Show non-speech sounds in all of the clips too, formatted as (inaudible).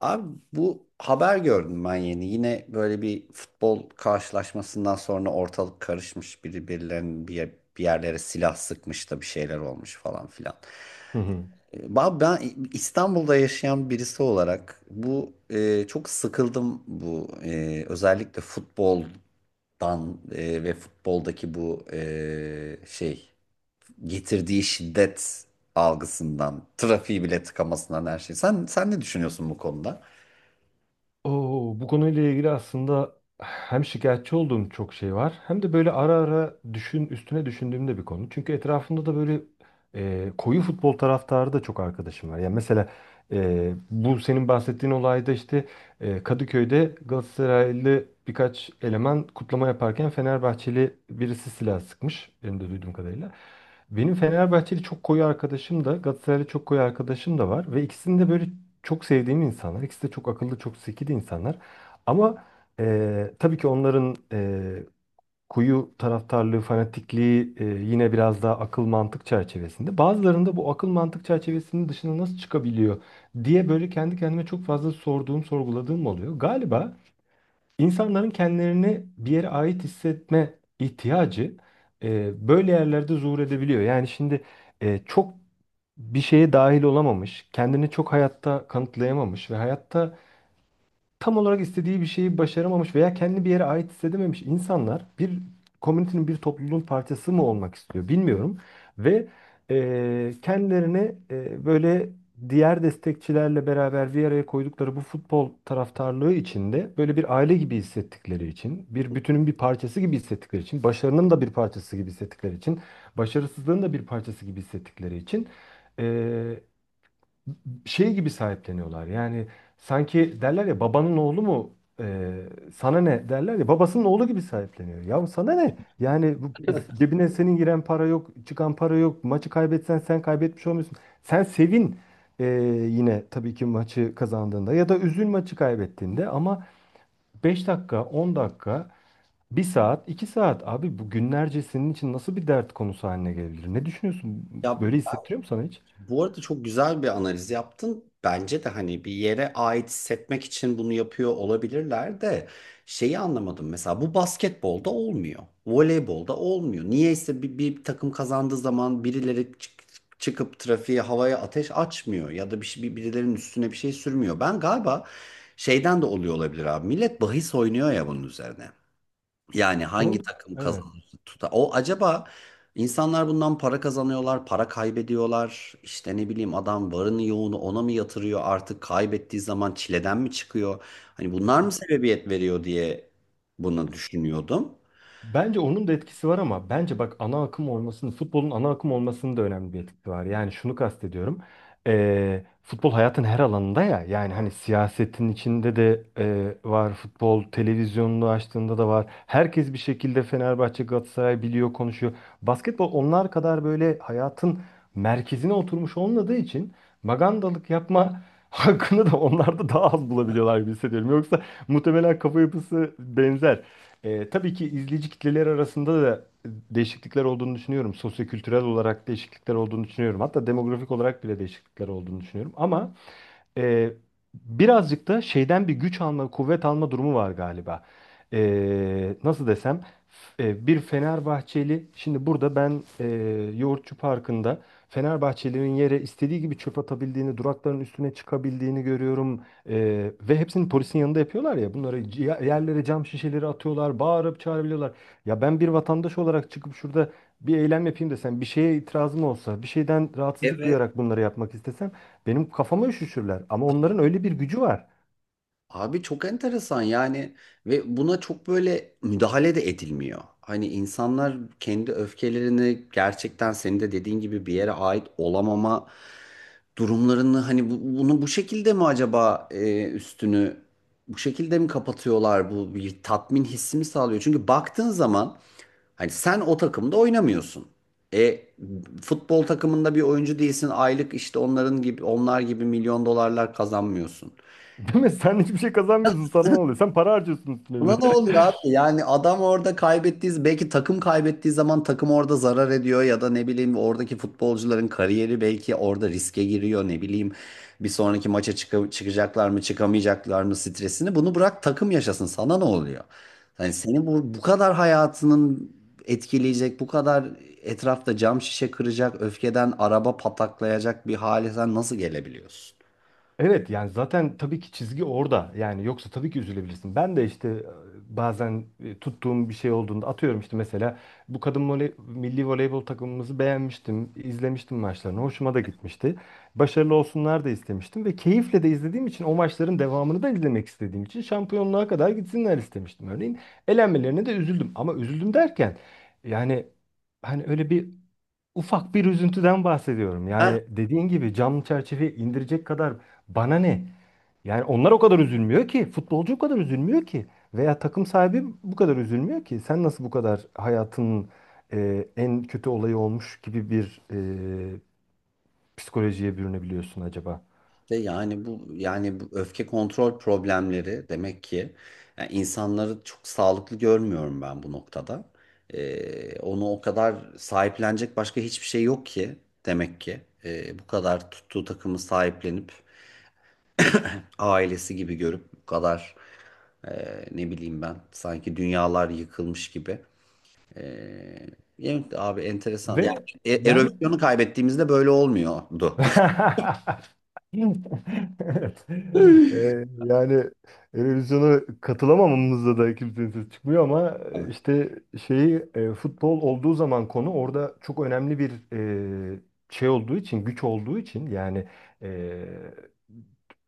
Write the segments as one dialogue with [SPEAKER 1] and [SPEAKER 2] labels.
[SPEAKER 1] Abi bu haber gördüm ben yeni. Yine böyle bir futbol karşılaşmasından sonra ortalık karışmış. Birbirlerinin bir yerlere silah sıkmış da bir şeyler olmuş falan filan.
[SPEAKER 2] Hı hı.
[SPEAKER 1] Ben İstanbul'da yaşayan birisi olarak çok sıkıldım özellikle futboldan ve futboldaki bu getirdiği şiddet algısından, trafiği bile tıkamasından her şey. Sen ne düşünüyorsun bu konuda?
[SPEAKER 2] Oo, bu konuyla ilgili aslında hem şikayetçi olduğum çok şey var hem de böyle ara ara düşün üstüne düşündüğüm de bir konu. Çünkü etrafımda da böyle koyu futbol taraftarı da çok arkadaşım var. Yani mesela bu senin bahsettiğin olayda işte Kadıköy'de Galatasaraylı birkaç eleman kutlama yaparken Fenerbahçeli birisi silah sıkmış. Benim de duyduğum kadarıyla. Benim Fenerbahçeli çok koyu arkadaşım da Galatasaraylı çok koyu arkadaşım da var ve ikisinin de böyle çok sevdiğim insanlar. İkisi de çok akıllı, çok zeki de insanlar. Ama tabii ki onların kuyu taraftarlığı, fanatikliği yine biraz daha akıl mantık çerçevesinde. Bazılarında bu akıl mantık çerçevesinin dışına nasıl çıkabiliyor diye böyle kendi kendime çok fazla sorduğum, sorguladığım oluyor. Galiba İnsanların kendilerini bir yere ait hissetme ihtiyacı böyle yerlerde zuhur edebiliyor. Yani şimdi çok bir şeye dahil olamamış, kendini çok hayatta kanıtlayamamış ve hayatta tam olarak istediği bir şeyi başaramamış veya kendi bir yere ait hissedememiş insanlar bir komünitenin, bir topluluğun parçası mı olmak istiyor bilmiyorum. Ve kendilerini böyle diğer destekçilerle beraber bir araya koydukları bu futbol taraftarlığı içinde böyle bir aile gibi hissettikleri için, bir bütünün bir parçası gibi hissettikleri için, başarının da bir parçası gibi hissettikleri için, başarısızlığın da bir parçası gibi hissettikleri için e, şey gibi sahipleniyorlar. Yani sanki derler ya babanın oğlu mu sana ne derler ya babasının oğlu gibi sahipleniyor. Ya sana ne? Yani bu, cebine senin giren para yok, çıkan para yok. Maçı kaybetsen sen kaybetmiş olmuyorsun. Sen sevin e, yine tabii ki maçı kazandığında ya da üzül maçı kaybettiğinde ama 5 dakika, 10 dakika, 1 saat, 2 saat abi bu günlerce senin için nasıl bir dert konusu haline gelebilir? Ne düşünüyorsun?
[SPEAKER 1] Ya,
[SPEAKER 2] Böyle hissettiriyor mu sana hiç?
[SPEAKER 1] bu arada çok güzel bir analiz yaptın. Bence de hani bir yere ait hissetmek için bunu yapıyor olabilirler de şeyi anlamadım. Mesela bu basketbolda olmuyor. Voleybolda olmuyor. Niyeyse bir takım kazandığı zaman birileri çıkıp trafiğe havaya ateş açmıyor ya da birilerinin üstüne bir şey sürmüyor. Ben galiba şeyden de oluyor olabilir abi. Millet bahis oynuyor ya bunun üzerine. Yani hangi
[SPEAKER 2] O,
[SPEAKER 1] takım
[SPEAKER 2] evet.
[SPEAKER 1] kazanır tutar. O acaba insanlar bundan para kazanıyorlar, para kaybediyorlar. İşte ne bileyim adam varını yoğunu ona mı yatırıyor artık kaybettiği zaman çileden mi çıkıyor? Hani bunlar mı sebebiyet veriyor diye bunu düşünüyordum.
[SPEAKER 2] Bence onun da etkisi var ama bence bak ana akım olmasının, futbolun ana akım olmasının da önemli bir etkisi var. Yani şunu kastediyorum. Futbol hayatın her alanında ya. Yani hani siyasetin içinde de var. Futbol televizyonunu açtığında da var. Herkes bir şekilde Fenerbahçe, Galatasaray biliyor, konuşuyor. Basketbol onlar kadar böyle hayatın merkezine oturmuş olmadığı için magandalık yapma (laughs) hakkını da onlar da daha az bulabiliyorlar gibi hissediyorum. Yoksa muhtemelen kafa yapısı benzer. Tabii ki izleyici kitleler arasında da değişiklikler olduğunu düşünüyorum. Sosyokültürel olarak değişiklikler olduğunu düşünüyorum. Hatta demografik olarak bile değişiklikler olduğunu düşünüyorum. Ama ee, birazcık da şeyden bir güç alma, kuvvet alma durumu var galiba. Nasıl desem, bir Fenerbahçeli, şimdi burada ben Yoğurtçu Parkı'nda Fenerbahçelilerin yere istediği gibi çöp atabildiğini, durakların üstüne çıkabildiğini görüyorum. Ve hepsini polisin yanında yapıyorlar ya, bunları yerlere cam şişeleri atıyorlar, bağırıp çağırabiliyorlar. Ya ben bir vatandaş olarak çıkıp şurada bir eylem yapayım desem, bir şeye itirazım olsa, bir şeyden rahatsızlık
[SPEAKER 1] Evet.
[SPEAKER 2] duyarak bunları yapmak istesem, benim kafama üşüşürler. Ama onların öyle bir gücü var.
[SPEAKER 1] Abi çok enteresan yani ve buna çok böyle müdahale de edilmiyor. Hani insanlar kendi öfkelerini gerçekten senin de dediğin gibi bir yere ait olamama durumlarını hani bunu bu şekilde mi acaba üstünü bu şekilde mi kapatıyorlar, bu bir tatmin hissi mi sağlıyor? Çünkü baktığın zaman hani sen o takımda oynamıyorsun. E, futbol takımında bir oyuncu değilsin. Aylık işte onlar gibi milyon dolarlar kazanmıyorsun.
[SPEAKER 2] (laughs) Değil mi? Sen hiçbir şey kazanmıyorsun. Sana ne oluyor? Sen para harcıyorsun üstüne
[SPEAKER 1] Buna
[SPEAKER 2] bir
[SPEAKER 1] ne
[SPEAKER 2] de. (laughs)
[SPEAKER 1] olur abi? Yani adam orada kaybettiği, belki takım kaybettiği zaman takım orada zarar ediyor ya da ne bileyim oradaki futbolcuların kariyeri belki orada riske giriyor ne bileyim. Bir sonraki maça çıkacaklar mı çıkamayacaklar mı stresini bunu bırak takım yaşasın sana ne oluyor? Yani seni bu kadar hayatının etkileyecek bu kadar etrafta cam şişe kıracak öfkeden araba pataklayacak bir hale sen nasıl gelebiliyorsun?
[SPEAKER 2] Evet, yani zaten tabii ki çizgi orada. Yani yoksa tabii ki üzülebilirsin. Ben de işte bazen tuttuğum bir şey olduğunda atıyorum işte mesela bu kadın milli voleybol takımımızı beğenmiştim, izlemiştim maçlarını. Hoşuma da gitmişti. Başarılı olsunlar da istemiştim ve keyifle de izlediğim için o maçların devamını da izlemek istediğim için şampiyonluğa kadar gitsinler istemiştim örneğin. Elenmelerine de üzüldüm ama üzüldüm derken yani hani öyle bir ufak bir üzüntüden bahsediyorum. Yani dediğin gibi cam çerçeveyi indirecek kadar bana ne? Yani onlar o kadar üzülmüyor ki. Futbolcu o kadar üzülmüyor ki. Veya takım sahibi bu kadar üzülmüyor ki. Sen nasıl bu kadar hayatının en kötü olayı olmuş gibi bir psikolojiye bürünebiliyorsun acaba?
[SPEAKER 1] De yani bu öfke kontrol problemleri demek ki, yani insanları çok sağlıklı görmüyorum ben bu noktada. Onu o kadar sahiplenecek başka hiçbir şey yok ki, demek ki bu kadar tuttuğu takımı sahiplenip ailesi gibi görüp bu kadar e, ne bileyim ben sanki dünyalar yıkılmış gibi. Ee, evet abi enteresan. Yani
[SPEAKER 2] Ve yani
[SPEAKER 1] erosyonu kaybettiğimizde böyle
[SPEAKER 2] (laughs)
[SPEAKER 1] olmuyordu. (laughs)
[SPEAKER 2] (laughs) Evet. Yani Eurovision'a katılamamamızda da kimsenin sesi çıkmıyor ama işte şeyi futbol olduğu zaman konu orada çok önemli bir e, şey olduğu için güç olduğu için yani e,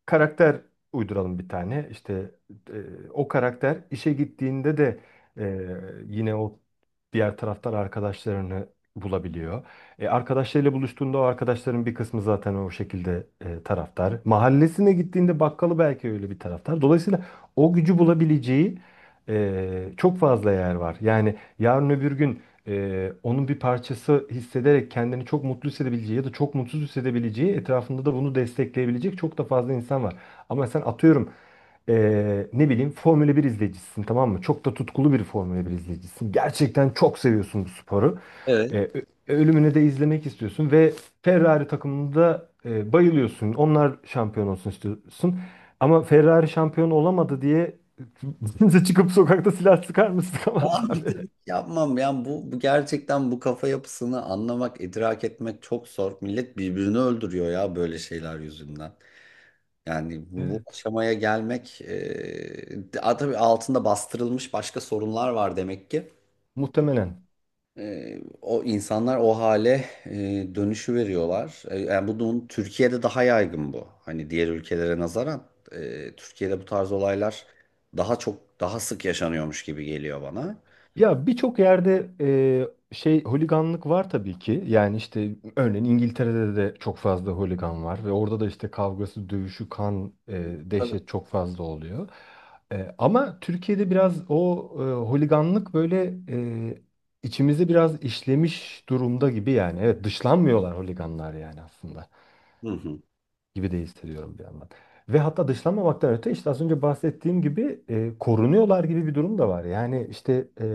[SPEAKER 2] karakter uyduralım bir tane işte o karakter işe gittiğinde de e, yine o diğer taraftar arkadaşlarını bulabiliyor. Arkadaşlarıyla buluştuğunda o arkadaşların bir kısmı zaten o şekilde taraftar. Mahallesine gittiğinde bakkalı belki öyle bir taraftar. Dolayısıyla o gücü bulabileceği e, çok fazla yer var. Yani yarın öbür gün onun bir parçası hissederek kendini çok mutlu hissedebileceği ya da çok mutsuz hissedebileceği etrafında da bunu destekleyebilecek çok da fazla insan var. Ama sen atıyorum ne bileyim Formula 1 izleyicisisin, tamam mı? Çok da tutkulu bir Formula 1 izleyicisisin. Gerçekten çok seviyorsun bu sporu. E,
[SPEAKER 1] Evet.
[SPEAKER 2] ölümünü de izlemek istiyorsun ve Ferrari takımında bayılıyorsun. Onlar şampiyon olsun istiyorsun. Ama Ferrari şampiyon olamadı diye (laughs) kimse çıkıp sokakta silah sıkar mı? Sıkamaz (laughs) abi.
[SPEAKER 1] Yaptım, yapmam. Yani bu gerçekten bu kafa yapısını anlamak, idrak etmek çok zor. Millet birbirini öldürüyor ya böyle şeyler yüzünden. Yani bu
[SPEAKER 2] Evet.
[SPEAKER 1] aşamaya gelmek tabii altında bastırılmış başka sorunlar var demek ki.
[SPEAKER 2] Muhtemelen.
[SPEAKER 1] E, o insanlar o hale dönüşü veriyorlar. E, yani bunun Türkiye'de daha yaygın bu. Hani diğer ülkelere nazaran, Türkiye'de bu tarz olaylar daha çok daha sık yaşanıyormuş gibi geliyor bana.
[SPEAKER 2] Ya birçok yerde şey holiganlık var tabii ki. Yani işte örneğin İngiltere'de de çok fazla holigan var ve orada da işte kavgası, dövüşü, kan,
[SPEAKER 1] Tabii.
[SPEAKER 2] dehşet çok fazla oluyor. Ama Türkiye'de biraz o holiganlık böyle e, içimize biraz işlemiş durumda gibi yani. Evet, dışlanmıyorlar holiganlar yani aslında
[SPEAKER 1] Hı hı.
[SPEAKER 2] gibi de hissediyorum bir yandan. Ve hatta dışlanmamaktan öte işte az önce bahsettiğim gibi korunuyorlar gibi bir durum da var. Yani işte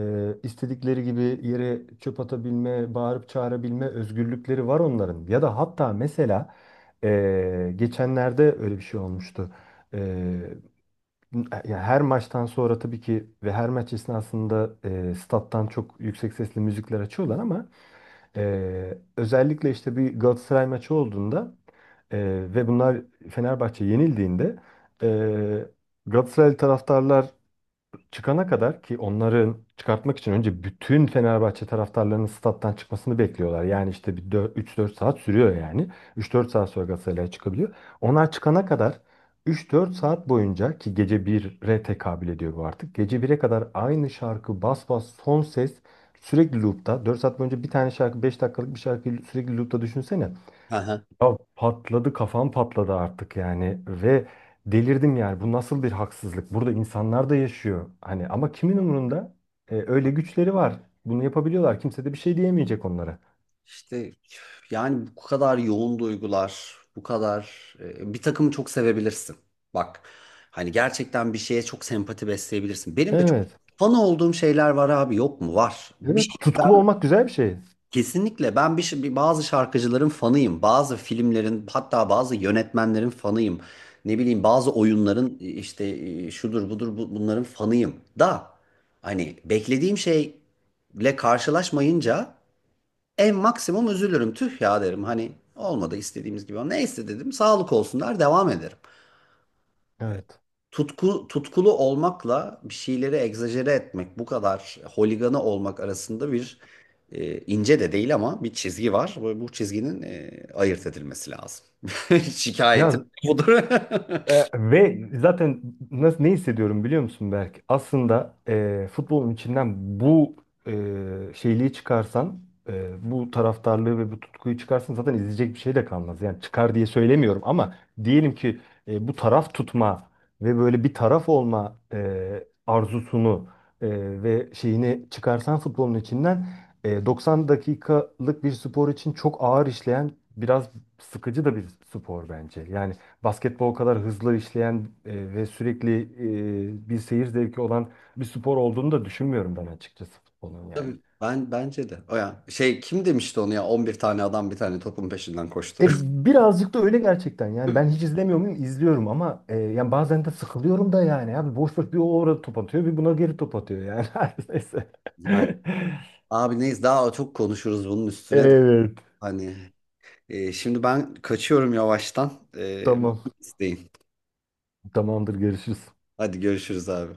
[SPEAKER 2] istedikleri gibi yere çöp atabilme, bağırıp çağırabilme özgürlükleri var onların. Ya da hatta mesela geçenlerde öyle bir şey olmuştu. E, ya her maçtan sonra tabii ki ve her maç esnasında stat'tan çok yüksek sesli müzikler açıyorlar ama özellikle işte bir Galatasaray maçı olduğunda e, ve bunlar Fenerbahçe yenildiğinde e, Galatasaray taraftarlar çıkana kadar ki onların çıkartmak için önce bütün Fenerbahçe taraftarlarının stat'tan çıkmasını bekliyorlar. Yani işte bir 3-4 saat sürüyor yani. 3-4 saat sonra Galatasaray'a çıkabiliyor. Onlar çıkana kadar 3-4 saat boyunca ki gece 1'e tekabül ediyor bu artık. Gece 1'e kadar aynı şarkı bas bas son ses sürekli loop'ta. 4 saat boyunca bir tane şarkı 5 dakikalık bir şarkıyı sürekli loop'ta düşünsene.
[SPEAKER 1] (laughs)
[SPEAKER 2] Ya patladı kafam, patladı artık yani ve delirdim yani, bu nasıl bir haksızlık, burada insanlar da yaşıyor hani, ama kimin umurunda? Öyle güçleri var, bunu yapabiliyorlar, kimse de bir şey diyemeyecek onlara.
[SPEAKER 1] İşte yani bu kadar yoğun duygular, bu kadar, bir takımı çok sevebilirsin. Bak, hani gerçekten bir şeye çok sempati besleyebilirsin. Benim de çok
[SPEAKER 2] Evet.
[SPEAKER 1] fan olduğum şeyler var abi, yok mu? Var. Bir
[SPEAKER 2] Evet,
[SPEAKER 1] şey
[SPEAKER 2] tutkulu
[SPEAKER 1] ben
[SPEAKER 2] olmak güzel bir şey.
[SPEAKER 1] kesinlikle ben bir, şey- bir bazı şarkıcıların fanıyım. Bazı filmlerin hatta bazı yönetmenlerin fanıyım. Ne bileyim bazı oyunların işte şudur budur bunların fanıyım. Da hani beklediğim şeyle karşılaşmayınca en maksimum üzülürüm. Tüh ya derim. Hani olmadı istediğimiz gibi. Neyse dedim. Sağlık olsun der devam ederim.
[SPEAKER 2] Evet.
[SPEAKER 1] Tutku, tutkulu olmakla bir şeyleri egzajere etmek, bu kadar holiganı olmak arasında bir ince de değil ama bir çizgi var. Bu çizginin ayırt edilmesi lazım. (laughs) Şikayetim
[SPEAKER 2] Ya,
[SPEAKER 1] budur.
[SPEAKER 2] ve zaten nasıl, ne hissediyorum biliyor musun Berk? Aslında futbolun içinden bu e, şeyliği çıkarsan, bu taraftarlığı ve bu tutkuyu çıkarsan zaten izleyecek bir şey de kalmaz. Yani çıkar diye söylemiyorum ama diyelim ki bu taraf tutma ve böyle bir taraf olma arzusunu e, ve şeyini çıkarsan futbolun içinden 90 dakikalık bir spor için çok ağır işleyen, biraz sıkıcı da bir spor bence. Yani basketbol kadar hızlı işleyen ve sürekli bir seyir zevki olan bir spor olduğunu da düşünmüyorum ben açıkçası futbolun
[SPEAKER 1] (laughs)
[SPEAKER 2] yani.
[SPEAKER 1] Tabii. Ben, bence de. O ya şey, kim demişti onu ya, 11 tane adam bir tane topun peşinden
[SPEAKER 2] E,
[SPEAKER 1] koşturuyor. (laughs)
[SPEAKER 2] birazcık da öyle gerçekten yani, ben hiç izlemiyor muyum? İzliyorum ama yani bazen de sıkılıyorum da yani, abi boş boş bir o orada top atıyor bir buna geri top atıyor yani. (laughs) Her neyse.
[SPEAKER 1] Yani
[SPEAKER 2] (laughs)
[SPEAKER 1] abi neyiz daha çok konuşuruz bunun üstüne de
[SPEAKER 2] Evet,
[SPEAKER 1] hani. Şimdi ben kaçıyorum yavaştan.
[SPEAKER 2] tamam,
[SPEAKER 1] İsteyin.
[SPEAKER 2] tamamdır, görüşürüz.
[SPEAKER 1] Hadi görüşürüz abi.